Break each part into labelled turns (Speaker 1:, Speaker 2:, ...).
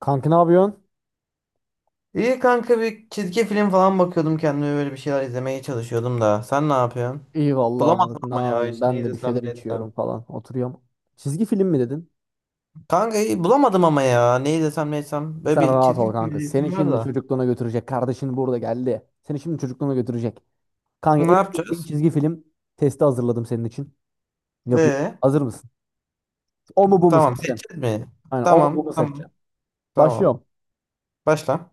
Speaker 1: Kanka ne yapıyorsun?
Speaker 2: İyi kanka, bir çizgi film falan bakıyordum kendime, böyle bir şeyler izlemeye çalışıyordum da. Sen ne yapıyorsun?
Speaker 1: İyi vallahi
Speaker 2: Bulamadım
Speaker 1: moruk ne
Speaker 2: ama ya,
Speaker 1: yapayım?
Speaker 2: hiç ne
Speaker 1: Ben de bir
Speaker 2: izlesem
Speaker 1: şeyler
Speaker 2: ne
Speaker 1: içiyorum
Speaker 2: etsem.
Speaker 1: falan. Oturuyorum. Çizgi film mi dedin?
Speaker 2: Kanka iyi bulamadım ama ya, ne izlesem ne etsem. Böyle
Speaker 1: Sen
Speaker 2: bir
Speaker 1: rahat ol
Speaker 2: çizgi film
Speaker 1: kanka.
Speaker 2: izleyesim
Speaker 1: Seni
Speaker 2: var
Speaker 1: şimdi
Speaker 2: da.
Speaker 1: çocukluğuna götürecek. Kardeşin burada geldi. Seni şimdi çocukluğuna götürecek. Kanka
Speaker 2: Ne
Speaker 1: en sevdiğin
Speaker 2: yapacağız?
Speaker 1: çizgi film testi hazırladım senin için. Yapıyorum.
Speaker 2: Ee,
Speaker 1: Hazır mısın? O mu bu mu
Speaker 2: tamam,
Speaker 1: seçeceksin?
Speaker 2: seçeceğiz mi?
Speaker 1: Aynen o mu bu
Speaker 2: Tamam
Speaker 1: mu
Speaker 2: tamam
Speaker 1: seçeceksin?
Speaker 2: tamam.
Speaker 1: Başlıyorum.
Speaker 2: Başla.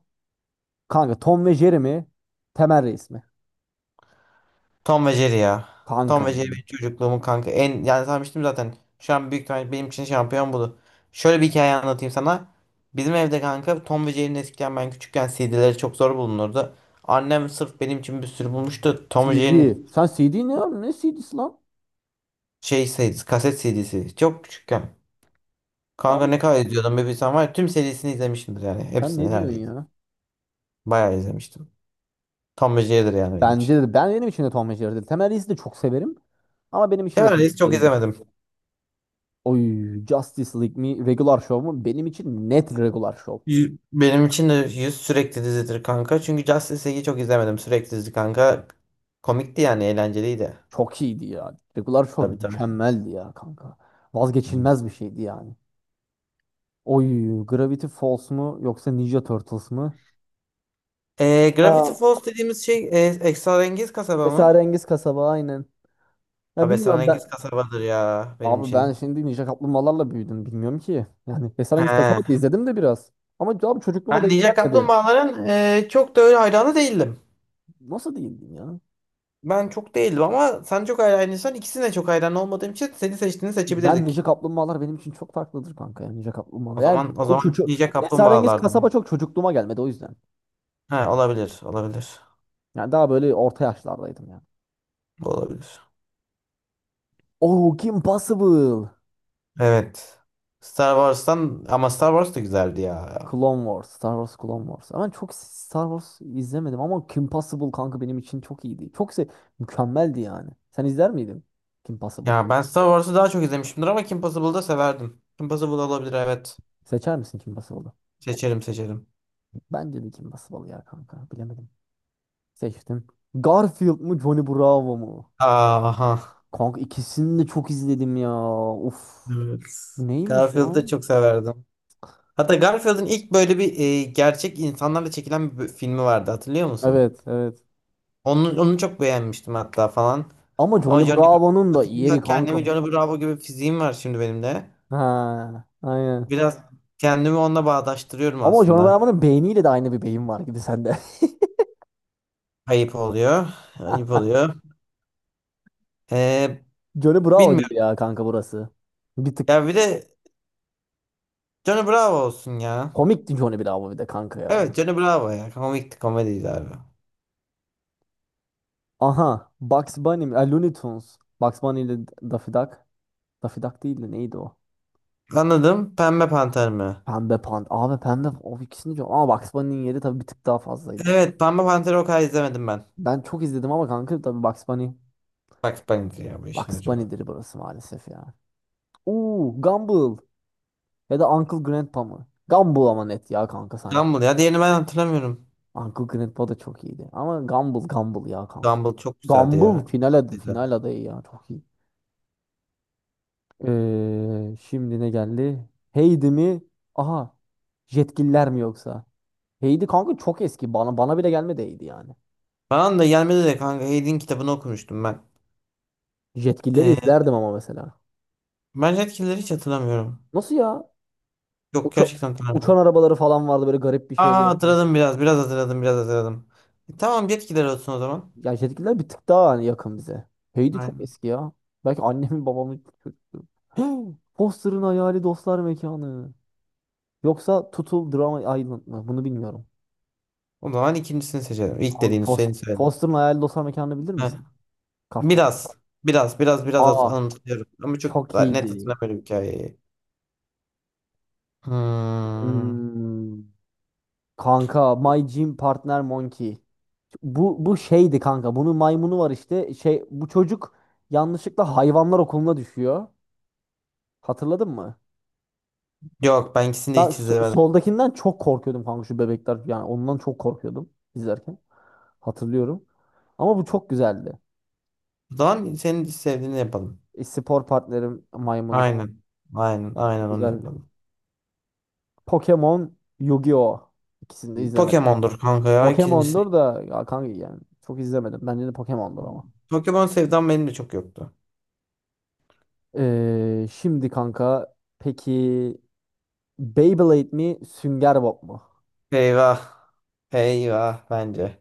Speaker 1: Kanka Tom ve Jerry mi? Temel Reis mi?
Speaker 2: Tom ve Jerry ya.
Speaker 1: Kanka.
Speaker 2: Tom ve Jerry benim çocukluğumun kanka. En yani sanmıştım zaten. Şu an büyük ihtimalle benim için şampiyon budu. Şöyle bir hikaye anlatayım sana. Bizim evde kanka, Tom ve Jerry'nin eskiden, ben küçükken, CD'leri çok zor bulunurdu. Annem sırf benim için bir sürü bulmuştu Tom ve
Speaker 1: CD.
Speaker 2: Jerry'nin.
Speaker 1: Sen CD ne ya? Ne CD'si lan?
Speaker 2: Şey CD'si, kaset CD'si. Çok küçükken. Kanka
Speaker 1: Abi,
Speaker 2: ne kadar izliyordum bir bilsem var ya. Tüm serisini izlemişimdir yani.
Speaker 1: sen
Speaker 2: Hepsini
Speaker 1: ne diyorsun
Speaker 2: neredeyse.
Speaker 1: ya?
Speaker 2: Bayağı izlemiştim. Tom ve Jerry'dir yani benim
Speaker 1: Bence
Speaker 2: için.
Speaker 1: de ben benim için de Tom ve Jerry'dir. Temel Reis'i de çok severim. Ama benim için de Tom
Speaker 2: Sever,
Speaker 1: ve
Speaker 2: çok
Speaker 1: Jerry'dir.
Speaker 2: izlemedim.
Speaker 1: Oy, Justice League mi Regular Show mu? Benim için net Regular Show.
Speaker 2: Benim için de yüz sürekli dizidir kanka. Çünkü Justice League'i çok izlemedim. Sürekli dizi kanka. Komikti, yani eğlenceliydi.
Speaker 1: Çok iyiydi ya. Regular Show
Speaker 2: Tabii, tabii.
Speaker 1: mükemmeldi ya kanka.
Speaker 2: Aynen.
Speaker 1: Vazgeçilmez bir şeydi yani. Oy, Gravity Falls mu yoksa Ninja Turtles mı? Ha,
Speaker 2: Gravity Falls dediğimiz şey esrarengiz kasaba mı?
Speaker 1: Esrarengiz Kasaba aynen. Ya
Speaker 2: Abi
Speaker 1: bilmiyorum
Speaker 2: esrarengiz
Speaker 1: ben.
Speaker 2: kasabadır ya benim
Speaker 1: Abi ben
Speaker 2: için.
Speaker 1: şimdi Ninja Kaplumbağalarla büyüdüm bilmiyorum ki. Yani
Speaker 2: He.
Speaker 1: Esrarengiz Kasaba da izledim de biraz. Ama abi çocukluğuma
Speaker 2: Ben
Speaker 1: denk
Speaker 2: Ninja
Speaker 1: gelmedi.
Speaker 2: Kaplumbağaların çok da öyle hayranı değildim.
Speaker 1: Nasıl diyeyim ya?
Speaker 2: Ben çok değildim, ama sen çok hayranıysan, ikisine çok hayran olmadığım için seni seçtiğini
Speaker 1: Ben Ninja
Speaker 2: seçebilirdik.
Speaker 1: Kaplumbağalar benim için çok farklıdır kanka ya Ninja
Speaker 2: O
Speaker 1: Kaplumbağalar. Yani
Speaker 2: zaman, o
Speaker 1: bu
Speaker 2: zaman
Speaker 1: çocuk
Speaker 2: Ninja
Speaker 1: Esrarengiz
Speaker 2: Kaplumbağalardı.
Speaker 1: Kasaba çok çocukluğuma gelmedi o yüzden.
Speaker 2: He, olabilir, olabilir.
Speaker 1: Yani daha böyle orta yaşlardaydım yani.
Speaker 2: Bu olabilir.
Speaker 1: Oh, Kim Possible.
Speaker 2: Evet. Star Wars'tan, ama Star Wars da güzeldi ya.
Speaker 1: Clone Wars, Star Wars Clone Wars. Ama çok Star Wars izlemedim ama Kim Possible kanka benim için çok iyiydi. Çok se mükemmeldi yani. Sen izler miydin Kim Possible?
Speaker 2: Ya, ben Star Wars'ı daha çok izlemişimdir, ama Kim Possible'ı da severdim. Kim Possible olabilir, evet.
Speaker 1: Seçer misin Kim Possible'ı?
Speaker 2: Seçerim, seçerim.
Speaker 1: Bence de Kim Possible ya kanka. Bilemedim. Seçtim. Garfield mı Johnny Bravo mu?
Speaker 2: Aha.
Speaker 1: Kanka ikisini de çok izledim ya. Uf.
Speaker 2: Evet.
Speaker 1: Bu neymiş
Speaker 2: Garfield'ı da
Speaker 1: lan?
Speaker 2: çok severdim. Hatta Garfield'ın ilk böyle bir gerçek insanlarla çekilen bir filmi vardı, hatırlıyor musun?
Speaker 1: Evet, evet.
Speaker 2: Onu, çok beğenmiştim hatta falan.
Speaker 1: Ama
Speaker 2: Ama
Speaker 1: Johnny
Speaker 2: Johnny
Speaker 1: Bravo'nun da
Speaker 2: Bravo,
Speaker 1: yeri kanka
Speaker 2: kendimi
Speaker 1: bu.
Speaker 2: Johnny Bravo gibi, fiziğim var şimdi benim de.
Speaker 1: Ha, aynen.
Speaker 2: Biraz kendimi onunla bağdaştırıyorum
Speaker 1: Ama Johnny
Speaker 2: aslında.
Speaker 1: Bravo'nun beyniyle de aynı bir beyin var gibi sende.
Speaker 2: Ayıp oluyor. Ayıp oluyor. Ee,
Speaker 1: Johnny Bravo gibi
Speaker 2: bilmiyorum.
Speaker 1: ya kanka burası. Bir tık
Speaker 2: Ya bir de Johnny Bravo olsun ya.
Speaker 1: komikti Johnny Bravo bir de kanka ya.
Speaker 2: Evet, Johnny Bravo ya. Komikti, komediydi abi.
Speaker 1: Aha, Bugs Bunny mi? Looney Tunes. Bugs Bunny ile Daffy Duck. Daffy Duck değil de neydi o?
Speaker 2: Anladım. Pembe Panter mi?
Speaker 1: Pembe Panda. Abi Pembe o ikisini çok... Ama Bugs Bunny'nin yeri tabii bir tık daha fazlaydı.
Speaker 2: Evet, Pembe Panter'i o kadar izlemedim ben.
Speaker 1: Ben çok izledim ama kanka tabii Bugs Bunny.
Speaker 2: Bak, Bunny ya, bu işin
Speaker 1: Bugs
Speaker 2: hocaları.
Speaker 1: Bunny'dir burası maalesef ya. Oo, Gumball. Ya da Uncle Grandpa mı? Gumball ama net ya kanka sanki.
Speaker 2: Gumball ya, diğerini ben hatırlamıyorum.
Speaker 1: Uncle Grandpa da çok iyiydi. Ama Gumball Gumball ya kanka.
Speaker 2: Gumball çok güzeldi ya.
Speaker 1: Gumball final,
Speaker 2: Çok
Speaker 1: ad
Speaker 2: tatlıydı.
Speaker 1: final adayı ya çok iyi. Şimdi ne geldi? Heidi mi? Aha. Jetgiller mi yoksa? Heidi kanka çok eski. Bana bile gelmedi Heidi yani.
Speaker 2: Bana da gelmedi de kanka, Hayd'in kitabını okumuştum ben.
Speaker 1: Jetgilleri
Speaker 2: Ee,
Speaker 1: izlerdim ama mesela.
Speaker 2: ben etkileri hiç hatırlamıyorum.
Speaker 1: Nasıl ya?
Speaker 2: Yok,
Speaker 1: Uça-
Speaker 2: gerçekten
Speaker 1: Uçan
Speaker 2: hatırlamıyorum.
Speaker 1: arabaları falan vardı, böyle garip bir
Speaker 2: Aa,
Speaker 1: şeydi.
Speaker 2: hatırladım biraz. Biraz hatırladım, biraz hatırladım. Tamam, yetkiler olsun o zaman.
Speaker 1: Ya jetgiller bir tık daha hani yakın bize. Heidi çok
Speaker 2: Aynen.
Speaker 1: eski ya. Belki annemin babamın çocukluğu. Foster'ın hayali dostlar mekanı. Yoksa Tutul Drama Island mı? Bunu bilmiyorum.
Speaker 2: O zaman ikincisini seçelim. İlk
Speaker 1: Hangi
Speaker 2: dediğini seni söyledim.
Speaker 1: Foster'ın hayali dostlar mekanını bilir
Speaker 2: Heh.
Speaker 1: misin? Karton.
Speaker 2: Biraz. Biraz. Biraz. Biraz az
Speaker 1: Aa,
Speaker 2: anımsıyorum. Ama çok
Speaker 1: çok
Speaker 2: net
Speaker 1: iyiydi.
Speaker 2: hatırlamıyorum hikayeyi. Hmm.
Speaker 1: Hmm, kanka My Gym Partner Monkey. Bu şeydi kanka. Bunun maymunu var işte. Şey bu çocuk yanlışlıkla hayvanlar okuluna düşüyor. Hatırladın mı?
Speaker 2: Yok, ben ikisini de
Speaker 1: Ben
Speaker 2: hiç izlemedim.
Speaker 1: soldakinden çok korkuyordum kanka şu bebekler. Yani ondan çok korkuyordum izlerken. Hatırlıyorum. Ama bu çok güzeldi.
Speaker 2: O zaman senin sevdiğini yapalım.
Speaker 1: Spor partnerim maymunu
Speaker 2: Aynen. Aynen. Aynen, onu
Speaker 1: güzeldi.
Speaker 2: yapalım.
Speaker 1: Pokemon, Yu-Gi-Oh! İkisini de izlemedim.
Speaker 2: Pokemon'dur kanka ya, ikincisi.
Speaker 1: Pokemon'dur da ya kanka yani çok izlemedim. Bence de Pokemon'dur ama.
Speaker 2: Pokemon sevdam benim de çok yoktu.
Speaker 1: Şimdi kanka peki Beyblade mi Sünger Bob mu?
Speaker 2: Eyvah. Eyvah bence.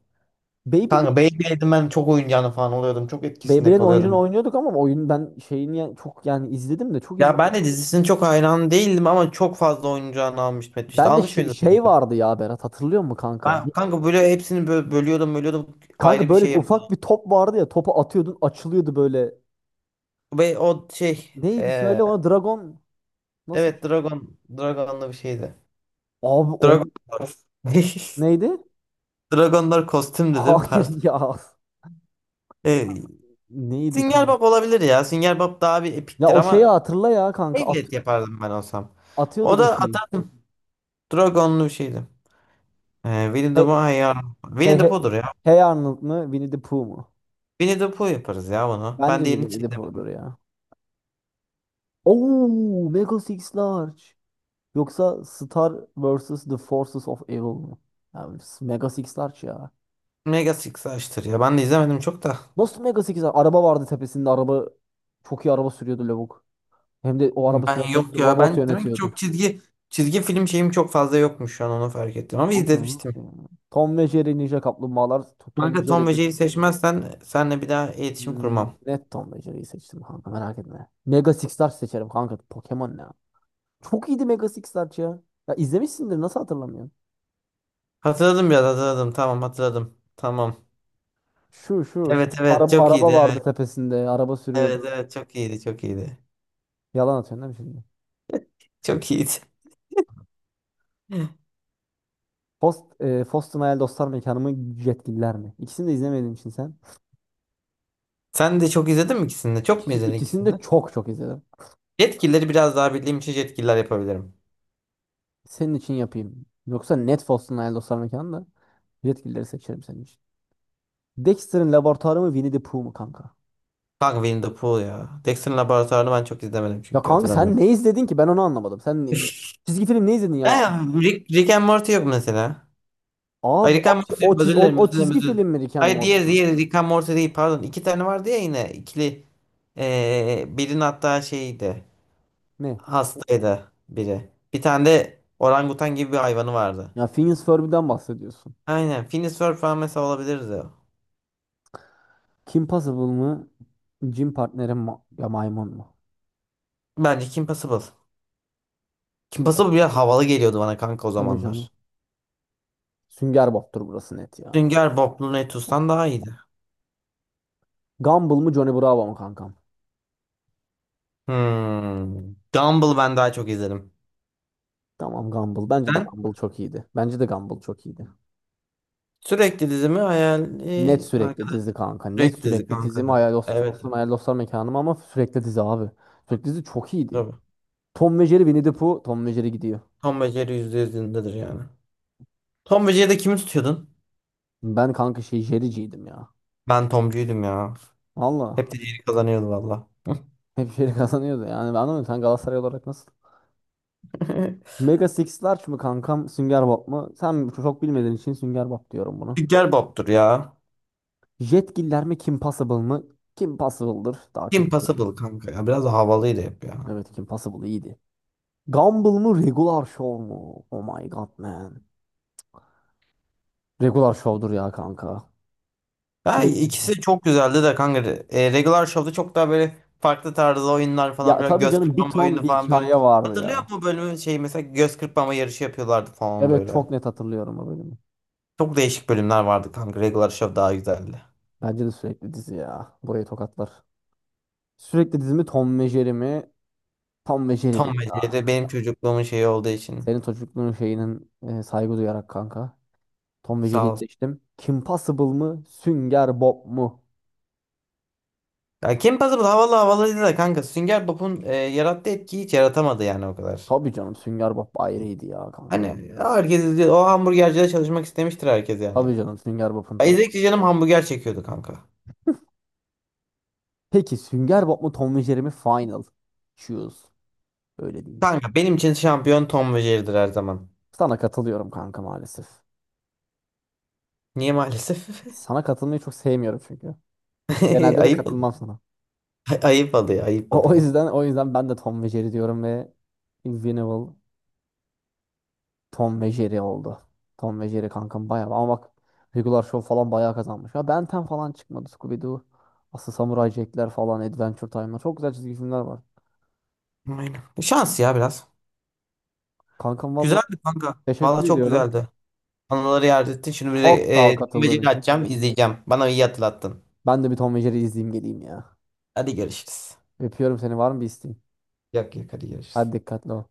Speaker 1: Beyblade
Speaker 2: Kanka Beyblade'in ben çok oyuncağını falan oluyordum. Çok etkisinde
Speaker 1: Beyblade'in oyuncunu
Speaker 2: kalıyordum.
Speaker 1: oynuyorduk ama oyun ben şeyini yani çok yani izledim de çok
Speaker 2: Ya,
Speaker 1: izlemedim.
Speaker 2: ben de dizisinin çok hayran değildim, ama çok fazla oyuncağını almıştım etmişti.
Speaker 1: Ben de
Speaker 2: Almış
Speaker 1: şey,
Speaker 2: mıydın sen?
Speaker 1: şey vardı ya Berat hatırlıyor musun kanka?
Speaker 2: Ben kanka, böyle hepsini bölüyordum, bölüyordum,
Speaker 1: Kanka
Speaker 2: ayrı bir
Speaker 1: böyle
Speaker 2: şey
Speaker 1: ufak
Speaker 2: yapıyordum.
Speaker 1: bir top vardı ya, topu atıyordun açılıyordu böyle.
Speaker 2: Ve o şey,
Speaker 1: Neydi
Speaker 2: eee,
Speaker 1: söyle ona Dragon nasıl?
Speaker 2: evet, Dragon'da bir şeydi.
Speaker 1: Abi o
Speaker 2: Dragonlar.
Speaker 1: neydi?
Speaker 2: Dragonlar kostüm dedim,
Speaker 1: Hayır
Speaker 2: pardon.
Speaker 1: ya.
Speaker 2: E,
Speaker 1: Neydi
Speaker 2: Sünger
Speaker 1: kanka?
Speaker 2: Bob olabilir ya. Sünger Bob daha bir
Speaker 1: Ya
Speaker 2: epiktir,
Speaker 1: o şeyi
Speaker 2: ama
Speaker 1: hatırla ya kanka
Speaker 2: Beyblade yapardım ben olsam.
Speaker 1: atıyorduk
Speaker 2: O da
Speaker 1: o şeyi.
Speaker 2: atardım. Dragonlu bir şeydi. Winnie the
Speaker 1: Hey,
Speaker 2: Pooh ya.
Speaker 1: hey,
Speaker 2: Winnie the
Speaker 1: hey,
Speaker 2: Pooh'dur ya.
Speaker 1: Hey Arnold mu Winnie the Pooh mu?
Speaker 2: Winnie the Pooh yaparız ya bunu. Ben
Speaker 1: Bence
Speaker 2: de
Speaker 1: de
Speaker 2: yeni
Speaker 1: Winnie the
Speaker 2: çizdim.
Speaker 1: Pooh'dur ya. Oo, Mega Six Large. Yoksa Star vs. The Forces of Evil mu? Abi, Mega Six Large ya.
Speaker 2: Mega Six'i açtır ya. Ben de izlemedim çok da.
Speaker 1: Nasıl Mega 8 Araba vardı tepesinde. Araba çok iyi araba sürüyordu lavuk. Hem de o araba
Speaker 2: Ben
Speaker 1: sürerken
Speaker 2: yok ya.
Speaker 1: robot
Speaker 2: Ben demek ki
Speaker 1: yönetiyordu.
Speaker 2: çok çizgi film şeyim çok fazla yokmuş, şu an onu fark ettim. Ama
Speaker 1: Kanka
Speaker 2: izlemiştim.
Speaker 1: nasıl ya? Tom ve Jerry Ninja Kaplumbağalar Tom ve
Speaker 2: Kanka, Tom ve
Speaker 1: Jerry'dir.
Speaker 2: Jerry seçmezsen senle bir daha iletişim
Speaker 1: Hmm,
Speaker 2: kurmam.
Speaker 1: Net Tom ve Jerry'yi seçtim kanka merak etme. Mega Six Large seçerim kanka. Pokemon ne ya? Çok iyiydi Mega Six Large ya. Ya izlemişsindir nasıl hatırlamıyorsun?
Speaker 2: Hatırladım, biraz hatırladım. Tamam, hatırladım. Tamam.
Speaker 1: Şu şu.
Speaker 2: Evet, evet,
Speaker 1: Araba,
Speaker 2: çok
Speaker 1: araba
Speaker 2: iyiydi, evet.
Speaker 1: vardı tepesinde. Araba
Speaker 2: Evet,
Speaker 1: sürüyordu.
Speaker 2: evet, çok iyiydi, çok iyiydi.
Speaker 1: Yalan atıyorsun değil mi şimdi?
Speaker 2: Çok iyiydi.
Speaker 1: Post, Foston Hayal Dostlar Mekanı mı? Jetgiller mi? İkisini de izlemediğin için sen.
Speaker 2: Sen de çok izledin mi ikisini de? Çok mu izledin
Speaker 1: İkisini
Speaker 2: ikisini
Speaker 1: de
Speaker 2: de?
Speaker 1: çok çok izledim.
Speaker 2: Jetgilleri biraz daha bildiğim için Jetgiller yapabilirim.
Speaker 1: Senin için yapayım. Yoksa net olsun Hayal Dostlar Mekanı da. Jetgilleri seçerim senin için. Dexter'ın laboratuvarı mı Winnie the Pooh mu kanka?
Speaker 2: Kanka Winnie the Pooh ya. Dexter'ın Laboratuvarı'nı ben çok izlemedim,
Speaker 1: Ya
Speaker 2: çünkü
Speaker 1: kanka sen
Speaker 2: hatırlamıyorum.
Speaker 1: ne izledin ki? Ben onu anlamadım. Çizgi film ne izledin ya?
Speaker 2: Ha, Rick and Morty yok mesela. Ay,
Speaker 1: Abi
Speaker 2: Rick and Morty yok. Özür dilerim,
Speaker 1: o
Speaker 2: özür dilerim,
Speaker 1: çizgi
Speaker 2: özür dilerim.
Speaker 1: film mi Rick and
Speaker 2: Hayır,
Speaker 1: Morty
Speaker 2: diğer,
Speaker 1: kanka?
Speaker 2: diğer Rick and Morty değil, pardon. İki tane vardı ya, yine ikili. Birinin hatta şeydi.
Speaker 1: Ne?
Speaker 2: Hastaydı biri. Bir tane de orangutan gibi bir hayvanı vardı.
Speaker 1: Ya Phineas Ferb'den bahsediyorsun.
Speaker 2: Aynen. Phineas Ferb falan mesela olabilirdi.
Speaker 1: Kim Possible mı? Jim Partner'in ma ya maymun mu?
Speaker 2: Bence Kim Possible. Kim
Speaker 1: Kim
Speaker 2: Possible
Speaker 1: Possible?
Speaker 2: bile havalı geliyordu bana kanka o
Speaker 1: Tabii canım.
Speaker 2: zamanlar.
Speaker 1: Sünger Bob'tur burası net ya.
Speaker 2: Sünger Bob Lunetus'tan daha iyiydi.
Speaker 1: Gumball mı Johnny Bravo mu kanka?
Speaker 2: Hmm. Gumball ben daha çok izledim.
Speaker 1: Tamam Gumball. Bence de
Speaker 2: Ben
Speaker 1: Gumball çok iyiydi. Bence de Gumball çok iyiydi.
Speaker 2: sürekli dizimi hayal.
Speaker 1: Net sürekli dizi kanka. Net
Speaker 2: Direkt dizi
Speaker 1: sürekli
Speaker 2: kanka,
Speaker 1: dizi mi?
Speaker 2: ya.
Speaker 1: Hayal
Speaker 2: Evet,
Speaker 1: dostum,
Speaker 2: evet.
Speaker 1: hayal dostlar mekanım ama sürekli dizi abi. Sürekli dizi çok iyiydi.
Speaker 2: Tabii.
Speaker 1: Tom ve Jerry Winnie the Pooh. Tom ve Jerry gidiyor.
Speaker 2: Tom ve Jerry yüzde yüzündedir yani. Tom ve Jerry'de kimi tutuyordun?
Speaker 1: Ben kanka şey Jerry'ciydim ya.
Speaker 2: Ben Tomcuydum ya. Hep
Speaker 1: Valla.
Speaker 2: de Jerry kazanıyordu valla.
Speaker 1: Hep Jerry kazanıyordu. Yani ben anlamıyorum. Sen Galatasaray olarak nasıl? Mega Six Large mı kankam? Sünger Bob mu? Sen çok bilmediğin için Sünger Bob diyorum bunu
Speaker 2: Sünger Bob'tur ya.
Speaker 1: Jetgiller mi? Kim Possible mı? Kim Possible'dır. Daha çok
Speaker 2: Kim
Speaker 1: izledim.
Speaker 2: Possible kanka ya. Biraz da havalıydı hep ya.
Speaker 1: Evet Kim Possible iyiydi. Gumball mı Regular Show mu? Oh my god man. Regular Show'dur ya kanka.
Speaker 2: Ya
Speaker 1: Sürekli dizi.
Speaker 2: ikisi çok güzeldi de kanka. Regular Show'da çok daha böyle farklı tarzda oyunlar falan,
Speaker 1: Ya
Speaker 2: böyle
Speaker 1: tabii
Speaker 2: göz
Speaker 1: canım bir
Speaker 2: kırpma
Speaker 1: ton
Speaker 2: oyunu
Speaker 1: bir
Speaker 2: falan böyle.
Speaker 1: hikaye vardı
Speaker 2: Hatırlıyor
Speaker 1: ya.
Speaker 2: musun bölümü, şey mesela göz kırpma yarışı yapıyorlardı falan
Speaker 1: Evet
Speaker 2: böyle.
Speaker 1: çok net hatırlıyorum o bölümü.
Speaker 2: Çok değişik bölümler vardı kanka. Regular Show daha güzeldi.
Speaker 1: Bence de sürekli dizi ya. Burayı tokatlar. Sürekli dizi mi Tom ve Jerry mi? Tom ve Jerry'dir
Speaker 2: Tom ve
Speaker 1: ya.
Speaker 2: Jerry benim çocukluğumun şeyi olduğu için.
Speaker 1: Senin çocukluğun şeyinin saygı duyarak kanka. Tom ve Jerry'yi
Speaker 2: Sağ ol.
Speaker 1: seçtim. Kim Possible mı? Sünger Bob mu?
Speaker 2: Ya, Kim Possible havalı, havalıydı da kanka, Sünger Bob'un yarattığı etkiyi hiç yaratamadı yani o kadar.
Speaker 1: Tabii canım Sünger Bob ayrıydı ya kanka.
Speaker 2: Hani herkes diyor, o hamburgercide çalışmak istemiştir herkes yani.
Speaker 1: Tabii canım Sünger Bob'un
Speaker 2: Ya,
Speaker 1: tadı.
Speaker 2: İzledikçe canım hamburger çekiyordu kanka.
Speaker 1: Peki Sünger Bob mu Tom ve Jerry mi final? Choose. Öyle değil.
Speaker 2: Kanka benim için şampiyon Tom ve Jerry'dir her zaman.
Speaker 1: Sana katılıyorum kanka maalesef.
Speaker 2: Niye maalesef?
Speaker 1: Sana katılmayı çok sevmiyorum çünkü. Genelde de
Speaker 2: Ayıp ol-
Speaker 1: katılmam sana.
Speaker 2: ayıp oluyor, ayıp oluyor.
Speaker 1: O yüzden ben de Tom ve Jerry diyorum ve Invincible Tom ve Jerry oldu. Tom ve Jerry kankam bayağı, ama bak Regular Show falan bayağı kazanmış. Ya Ben 10 falan çıkmadı. Scooby-Doo, Aslı Samuray Jack'ler falan, Adventure Time'lar. Çok güzel çizgi filmler var.
Speaker 2: Aynen. Bu şans ya biraz.
Speaker 1: Kankam valla
Speaker 2: Güzeldi kanka. Valla
Speaker 1: teşekkür
Speaker 2: çok
Speaker 1: ediyorum.
Speaker 2: güzeldi. Anıları yad ettin. Şimdi bir de
Speaker 1: Çok sağ ol
Speaker 2: Tom ve
Speaker 1: katıldığın
Speaker 2: Jerry
Speaker 1: için.
Speaker 2: açacağım, izleyeceğim. Bana iyi hatırlattın.
Speaker 1: Ben de bir Tom ve Jerry izleyeyim geleyim ya.
Speaker 2: Hadi görüşürüz.
Speaker 1: Öpüyorum seni. Var mı bir isteğin?
Speaker 2: Yok, yok, hadi
Speaker 1: Hadi
Speaker 2: görüşürüz.
Speaker 1: dikkatli ol.